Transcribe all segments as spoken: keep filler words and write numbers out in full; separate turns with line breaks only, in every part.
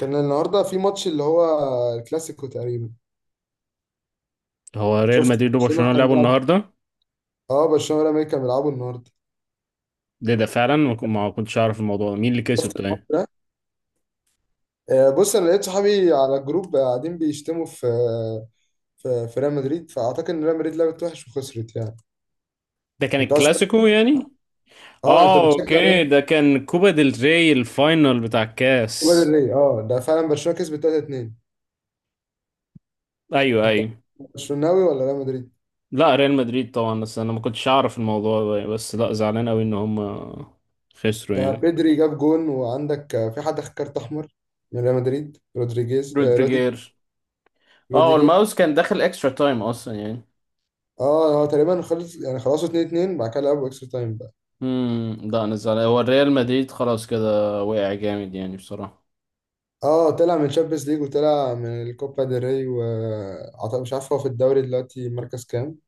كان النهارده في ماتش اللي هو الكلاسيكو تقريبا.
هو ريال
شفت
مدريد وبرشلونة
برشلونه كان
لعبوا
بيلعب.
النهاردة.
اه برشلونه والامريكا كانوا بيلعبوا النهارده.
ده ده فعلا ما كن- ما كنتش أعرف الموضوع ده، مين اللي كسب؟
شفت
طيب
الماتش ده. آه، بص انا لقيت صحابي على الجروب قاعدين بيشتموا في في, في ريال مدريد، فاعتقد ان ريال مدريد لعبت وحش وخسرت يعني.
ده كان
انت اصلا
الكلاسيكو يعني.
اه انت
اه،
بتشجع
اوكي،
ريال.
ده كان كوبا ديل ري الفاينل بتاع
كوبا del
الكاس.
Rey. اه ده فعلا برشلونه كسبت تلاتة اتنين.
ايوه،
انت
ايوه.
برشلوناوي ولا ريال مدريد؟
لا، ريال مدريد طبعا، بس انا ما كنتش اعرف الموضوع ده، بس لا زعلان قوي ان هم خسروا
ده
يعني.
بيدري جاب جون، وعندك آه، في حد خد كارت احمر من ريال مدريد، رودريجيز، آه، روديج-
رودريجير. اه
روديجر.
الماوس كان داخل اكسترا تايم اصلا يعني.
اه هو تقريبا خلص، يعني خلصوا اتنين اتنين، بعد كده لعبوا اكسترا تايم بقى.
امم لا، انا زعلان، هو الريال مدريد خلاص كده وقع جامد يعني بصراحة.
اه طلع من تشامبيونز ليج وطلع من الكوبا ديل ري، وعطى مش عارف هو في الدوري دلوقتي مركز كام،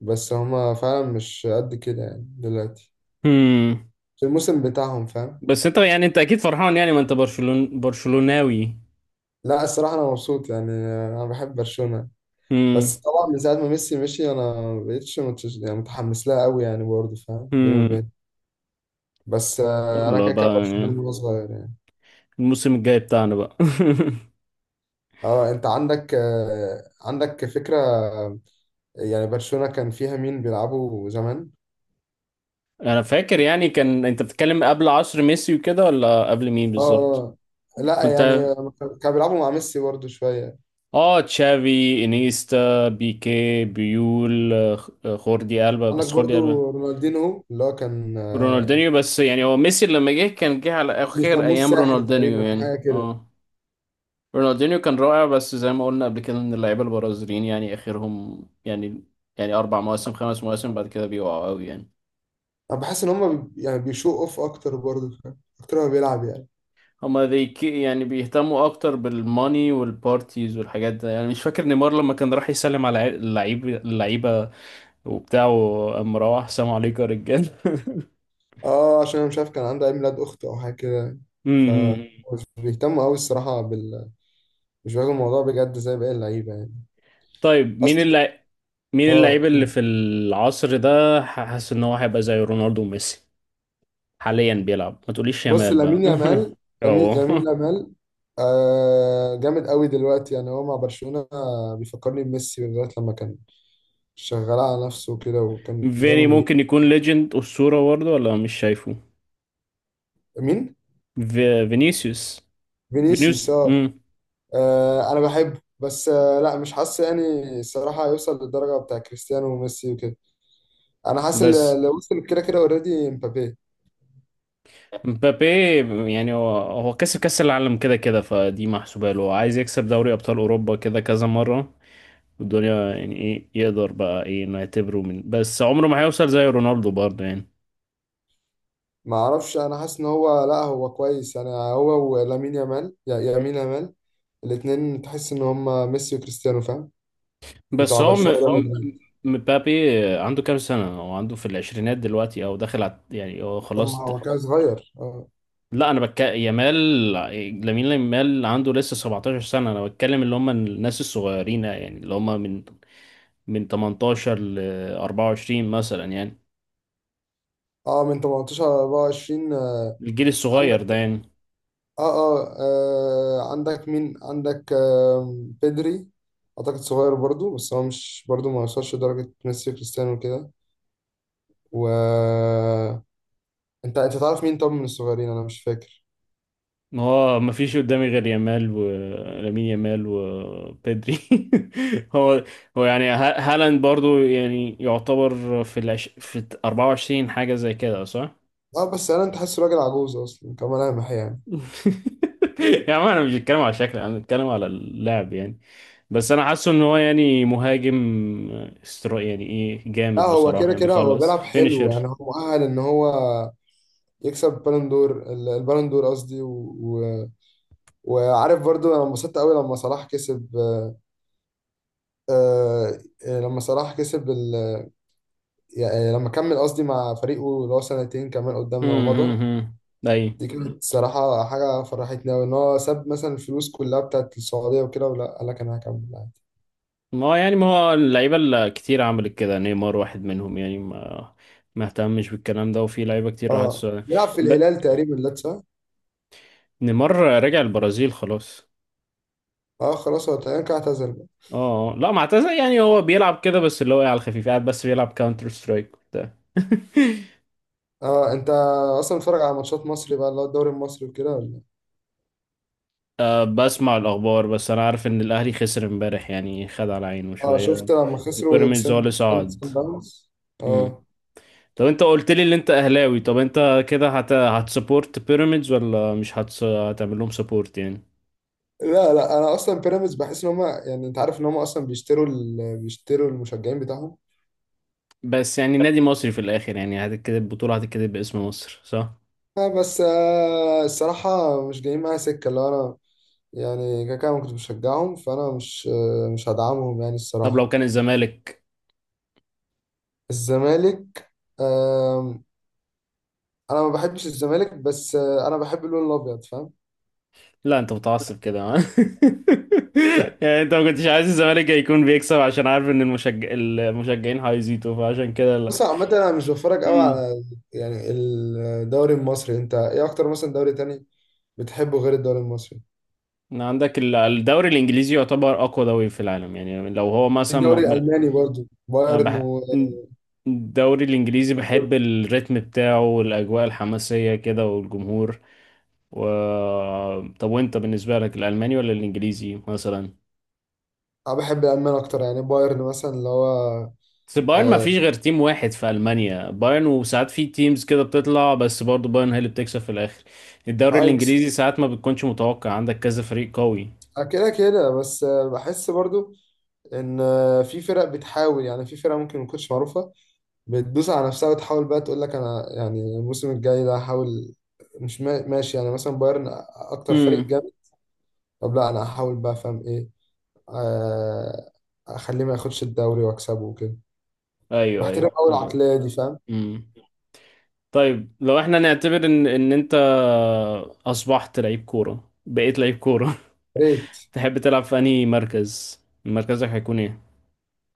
بس هما فعلا مش قد كده يعني دلوقتي في الموسم بتاعهم، فاهم.
بس انت يعني انت اكيد فرحان يعني، ما انت برشلون برشلوناوي.
لا الصراحة أنا مبسوط يعني. أنا بحب برشلونة، بس
امم.
طبعا من ساعة ما ميسي مشي أنا مبقتش متش، يعني متحمس لها قوي يعني، برضه فاهم بيني
امم.
وبين. بس آه، أنا
يلا
كده كده
بقى
برشلونة
يعني،
وأنا صغير يعني.
الموسم الجاي بتاعنا بقى.
اه أنت عندك آه، عندك فكرة، يعني برشلونة كان فيها مين بيلعبوا زمان؟
انا فاكر، يعني كان انت بتتكلم قبل عصر ميسي وكده، ولا قبل مين
اه
بالظبط؟
آه. لا
كنت.
يعني كانوا بيلعبوا مع ميسي برضو شوية.
اه، تشافي، انيستا، بيكي، بيول، آه، خوردي ألبا،
عندك
بس خوردي ألبا.
برضو رونالدينهو اللي هو كان آه،
رونالدينيو، بس يعني هو ميسي لما جه كان جه على اخر
بيسموه
ايام
الساحر
رونالدينيو
تقريبا،
يعني،
حاجة كده.
اه. رونالدينيو كان رائع، بس زي ما قلنا قبل كده ان اللعيبه البرازيليين يعني اخرهم يعني، يعني اربع مواسم، خمس مواسم بعد كده بيقعوا قوي يعني.
أنا بحس إن هما بي- يعني بيشو أوف أكتر، برضو فاهم؟ أكتر ما بيلعب يعني.
هما ذي كي- يعني بيهتموا اكتر بالماني والبارتيز والحاجات ده، يعني مش فاكر نيمار لما كان راح يسلم على عي- اللعيب اللعيبه وبتاعه، قام مروح سلام عليكم يا رجال
أه عشان أنا مش عارف كان عنده عيد ميلاد أخته أو حاجة كده. ف
مم.
مش بيهتموا أوي الصراحة بال، مش بياخدوا الموضوع بجد زي باقي اللعيبة يعني.
طيب، مين
أصلا
اللع... مين اللعيب
أه.
اللي في العصر ده، حاسس ان هو هيبقى زي رونالدو وميسي، حاليا بيلعب؟ ما تقوليش
بص
يامال بقى.
لامين يامال، لامين
اه.
لامين يامال آه جامد قوي دلوقتي، يعني هو مع برشلونة. آه، بيفكرني بميسي لغاية لما كان شغال على نفسه كده وكان دايما
فيني
بيجيب.
ممكن يكون ليجند أسطورة برضه، ولا مش شايفه؟
مين؟
في... فينيسيوس.
فينيسيوس،
فينيوس.
اه.
مم.
آه، انا بحبه بس آه لا مش حاسس يعني الصراحة هيوصل للدرجة بتاع كريستيانو وميسي وكده. انا حاسس اللي
بس
اللي وصل كده كده اوريدي مبابي.
مبابي يعني، هو هو كسب كأس العالم كده كده، فدي محسوبة له، عايز يكسب دوري أبطال أوروبا كده كذا مرة والدنيا، يعني إيه يقدر بقى، إيه إنه يعتبره من؟ بس عمره ما هيوصل زي رونالدو برضه يعني.
ما اعرفش، انا حاسس ان هو لا هو كويس يعني، هو ولامين يامال، يا- يامين يامال، الاتنين تحس ان هم ميسي وكريستيانو، فاهم؟
بس
بتاع
هو م...
برشلونة، ريال بالظبط
م...
مدريد.
مبابي عنده كام سنة؟ هو عنده في العشرينات دلوقتي أو داخل على، يعني هو
طب
خلاص.
ما هو كان صغير اه.
لا انا بتكلم يامال، لامين يامال عنده لسه سبعتاشر سنه. انا بتكلم اللي هم الناس الصغيرين يعني، اللي هم من من ثمانية عشر ل اربعه وعشرين مثلا يعني،
اه من تمنتاشر ل اربعة وعشرين آه.
الجيل الصغير ده
عندك
يعني.
آه, اه اه عندك مين؟ عندك آه بيدري، اعتقد صغير برضو، بس هو مش برضو ما وصلش لدرجة ميسي وكريستيانو وكده. و انت انت تعرف مين طب من الصغيرين؟ انا مش فاكر.
ما هو ما فيش قدامي غير يامال ولامين يامال وبيدري. هو هو يعني ها- هالاند برضو يعني يعتبر في العش... في اربعه وعشرين حاجه زي كده صح؟
اه بس انا انت حاسه راجل عجوز اصلا كملامح يعني.
يا عم انا مش بتكلم على شكل، انا بتكلم على اللعب يعني. بس انا حاسه ان هو يعني مهاجم استرا يعني، ايه
لا
جامد
هو
بصراحه
كده
يعني،
كده هو
بيخلص
بيلعب حلو
فينيشر.
يعني، هو مؤهل ان هو يكسب بالون دور البالون دور، قصدي، و... وعارف برضو انا انبسطت قوي لما صلاح كسب آه، آه، لما صلاح كسب ال... يعني لما كمل قصدي مع فريقه، اللي هو سنتين كمان قدامنا ومضى.
اي،
دي كانت صراحة حاجة فرحتني أوي، إن هو ساب مثلا الفلوس كلها بتاعت السعودية وكده ولا، قال لك أنا هكمل عادي.
ما هو يعني، ما هو اللعيبه اللي كتير عملت كده، نيمار واحد منهم يعني، ما ما اهتمش بالكلام ده، وفي لعيبه كتير راحت
اه
السعودية.
بيلعب في
ب...
الهلال تقريبا، لا صح؟
نيمار رجع البرازيل خلاص.
اه خلاص هو تقريبا كده اعتزل بقى.
اه، آه. لا ما اعتزل يعني، هو بيلعب كده بس اللي هو إيه، على الخفيف قاعد بس بيلعب كاونتر سترايك وبتاع
اه أنت أصلا بتتفرج على ماتشات مصري بقى، اللي هو الدوري المصري وكده ولا؟
أه، بسمع الأخبار بس، أنا عارف إن الأهلي خسر امبارح يعني خد على عينه
اه
شوية.
شفت لما خسروا ضد
وبيراميدز هو اللي
سان سان
صعد.
سان داونز.
مم.
اه.
طب أنت قلت لي إن أنت أهلاوي، طب أنت كده هت هتسبورت بيراميدز ولا مش هتس... هتعمل لهم سبورت يعني؟
لا لا انا اصلا بيراميدز بحس ان هم، يعني انت عارف ان هم اصلا بيشتروا ال... بيشتروا المشجعين بتاعهم.
بس يعني نادي مصري في الآخر يعني، هتتكتب البطولة، هتتكتب باسم مصر صح؟
آه بس آه الصراحه مش جايين معايا سكه، اللي هو انا يعني كده كده ما كنتش بشجعهم، فانا مش آه مش هدعمهم يعني
طب لو
الصراحه.
كان الزمالك؟
الزمالك آه، انا ما بحبش الزمالك بس آه انا بحب اللون الابيض، فاهم.
لا، أنت متعصب كده ها؟ يعني أنت ما كنتش عايز الزمالك يكون بيكسب عشان عارف إن المشج... المشجعين هيزيدوا فعشان كده.
بص عامة أنا مش بتفرج أوي
لا.
على يعني الدوري المصري، أنت إيه أكتر مثلا دوري تاني بتحبه غير الدوري المصري؟
إن عندك ال- الدوري الانجليزي يعتبر اقوى دوري في العالم يعني، لو هو مثلا
الدوري
م- م-
الألماني برضو،
أنا
بايرن
بح...
و...
الدوري الانجليزي، بحب الريتم بتاعه والاجواء الحماسيه كده والجمهور و... طب وانت بالنسبه لك الالماني ولا الانجليزي مثلا؟
انا بحب الالمان اكتر يعني، بايرن مثلا اللي هو
بس بايرن، ما
آه،
فيش غير تيم واحد في المانيا بايرن، وساعات في تيمز كده بتطلع بس برضه بايرن هي اللي بتكسب في الاخر. الدوري الانجليزي
ايكس
ساعات ما بتكونش متوقع، عندك كذا فريق قوي.
آه، كده كده. بس آه، بحس برضو ان آه، في فرق بتحاول، يعني في فرق ممكن ما تكونش معروفه بتدوس على نفسها وتحاول بقى تقول لك انا يعني الموسم الجاي ده هحاول. مش ما- ماشي يعني مثلا بايرن اكتر فريق
امم.
جامد. طب لا انا هحاول بقى، فاهم ايه، آه، اخليه ما ياخدش الدوري، واكسبه وكده.
ايوه، ايوه.
بحترم قوي العقليه دي، فاهم.
امم. طيب لو احنا نعتبر ان ان انت اصبحت لعيب كورة، بقيت لعيب كورة
يا ريت.
تحب تلعب في انهي مركز؟ مركزك هيكون ايه؟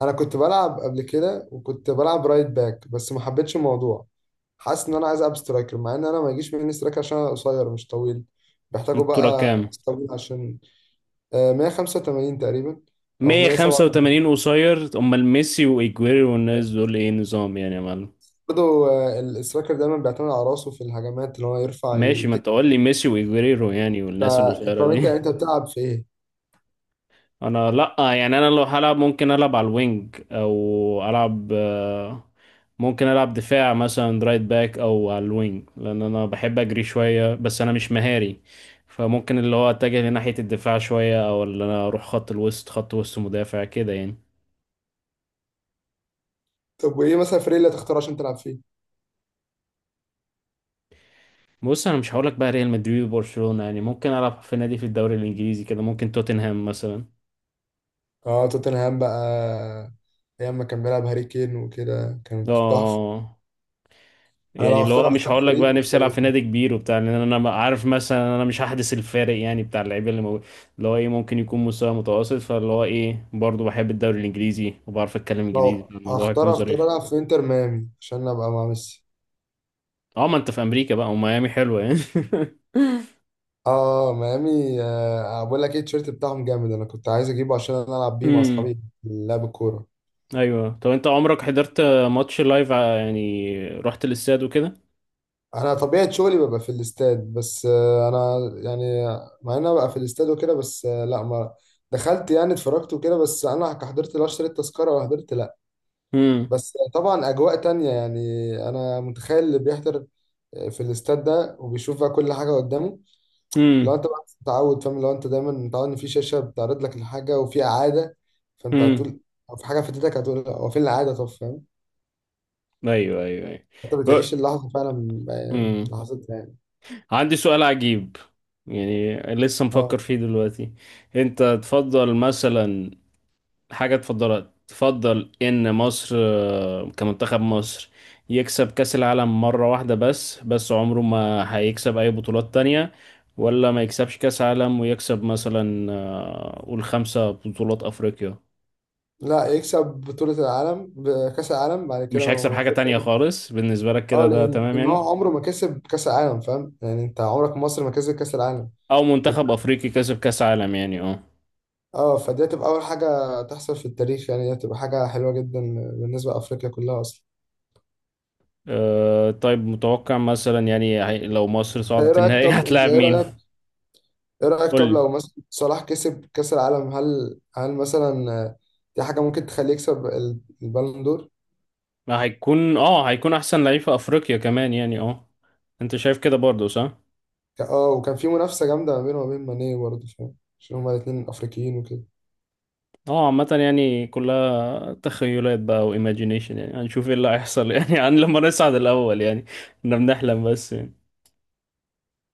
انا كنت بلعب قبل كده وكنت بلعب رايت باك بس ما حبيتش الموضوع. حاسس ان انا عايز العب سترايكر، مع ان انا ما يجيش مني سترايكر عشان انا قصير مش طويل، بيحتاجوا
الطولة
بقى
كام؟
ناس طويل عشان آه، مية وخمسة وتمانين تقريبا او
مائة وخمسة وثمانين
مية وسبعة وتمانين.
قصير؟ امال ميسي وايجويرو والناس دول ايه نظام يعني يا معلم؟
برضه آه، السترايكر دايما بيعتمد على راسه في الهجمات اللي هو يرفع
ماشي، ما
يتك.
انت قول لي ميسي وايجويرو يعني، والناس
فانت،
القصيرة
طب انت
دي
انت بتلعب في ايه؟
انا لا يعني، انا لو هلعب ممكن العب على الوينج، او العب آه، ممكن العب دفاع مثلا رايت باك، او على الوينج، لان انا بحب اجري شويه، بس انا مش مهاري، فممكن اللي هو اتجه لناحيه الدفاع شويه، او اللي انا اروح خط الوسط، خط وسط مدافع كده يعني.
طب وايه مثلا الفريق اللي هتختار عشان تلعب فيه؟
بص انا مش هقولك بقى ريال مدريد وبرشلونه يعني، ممكن العب في نادي في الدوري الانجليزي كده، ممكن توتنهام مثلا.
اه توتنهام بقى، ايام ما كان بيلعب هاري كين وكده كانت تحفه.
اه.
انا
يعني
لو
اللي
اختار
هو مش
اختار
هقول لك
فريق
بقى نفسي العب
آه،
في نادي كبير وبتاع، لان انا ما- عارف مثلا انا مش هحدث الفارق يعني بتاع اللعيبه اللي موجود. اللي هو ايه ممكن يكون مستوى متوسط، فاللي هو ايه برضه بحب الدوري الانجليزي، وبعرف اتكلم
لو
انجليزي فالموضوع
اختار
هيكون
اختار
ظريف.
العب في انتر ميامي عشان ابقى مع ميسي.
اه، ما انت في امريكا بقى، وميامي حلوه يعني
اه ميامي. آه بقول لك ايه، التيشيرت بتاعهم جامد، انا كنت عايز اجيبه عشان أنا العب بيه مع اصحابي
امم.
في لعب الكوره.
ايوه، طب انت عمرك حضرت ماتش لايف ع- يعني رحت الاستاد وكده؟
انا طبيعه شغلي ببقى في الاستاد، بس آه انا يعني مع ان انا ببقى في الاستاد وكده بس آه لا ما دخلت يعني اتفرجت وكده بس انا حضرت، لا اشتريت تذكره ولا حضرت لا.
امم.
بس طبعا اجواء تانية يعني. انا متخيل اللي بيحضر آه، في الاستاد ده وبيشوف بقى كل حاجه قدامه. لو
امم.
انت بقى متعود، فاهم، لو انت دايما متعود ان في شاشه بتعرض لك الحاجه وفي اعاده، فانت
امم.
هتقول او في حاجه فاتتك هتقول لا هو فين الاعاده، طب فاهم؟
ايوه، ايوه،
انت بتعيش اللحظه فعلا آه،
ايوه.
لحظتها يعني.
عندي سؤال عجيب يعني لسه مفكر
اه
فيه دلوقتي. انت تفضل مثلا حاجة تفضلها، تفضل ان مصر آه، كمنتخب مصر يكسب كأس العالم مرة واحدة بس بس عمره ما هيكسب اي بطولات تانية، ولا ما يكسبش كأس عالم ويكسب مثلا آه، قول خمسة بطولات افريقيا؟
لا يكسب بطوله العالم بكاس العالم، بعد
مش
كده
هيكسب
ما
حاجة
يكسبش
تانية
أي.
خالص بالنسبة لك
اه
كده، ده
لان
تمام
ان هو
يعني؟
عمره ما كسب كاس العالم، فاهم يعني، انت عمرك مصر ما كسبت كاس العالم.
او منتخب افريقي كسب كأس عالم يعني اه.
اه فدي هتبقى اول حاجه تحصل في التاريخ، يعني دي هتبقى حاجه حلوه جدا بالنسبه لافريقيا كلها اصلا.
أه، طيب متوقع مثلا يعني هي- لو مصر
انت ايه
صعدت
رايك؟
النهائي
طب انت
هتلاعب
ايه
مين؟
رايك؟ ايه رأيك
قول
طب
لي.
لو مثلا صلاح كسب كأس العالم، هل هل مثلا آه، دي حاجة ممكن تخليه يكسب ال- البالون دور؟
ما هيكون، اه، هيكون احسن لعيب في افريقيا كمان يعني، اه. انت شايف كده برضه صح؟
ك- اه، وكان في منافسة جامدة ما بينه وما بين ماني برضه، فاهم، عشان هما الاتنين أفريقيين وكده.
اه، عامة يعني كلها تخيلات بقى وايماجينيشن يعني، هنشوف ايه اللي هيحصل يعني، عن لما نصعد الاول يعني. احنا بنحلم بس يعني.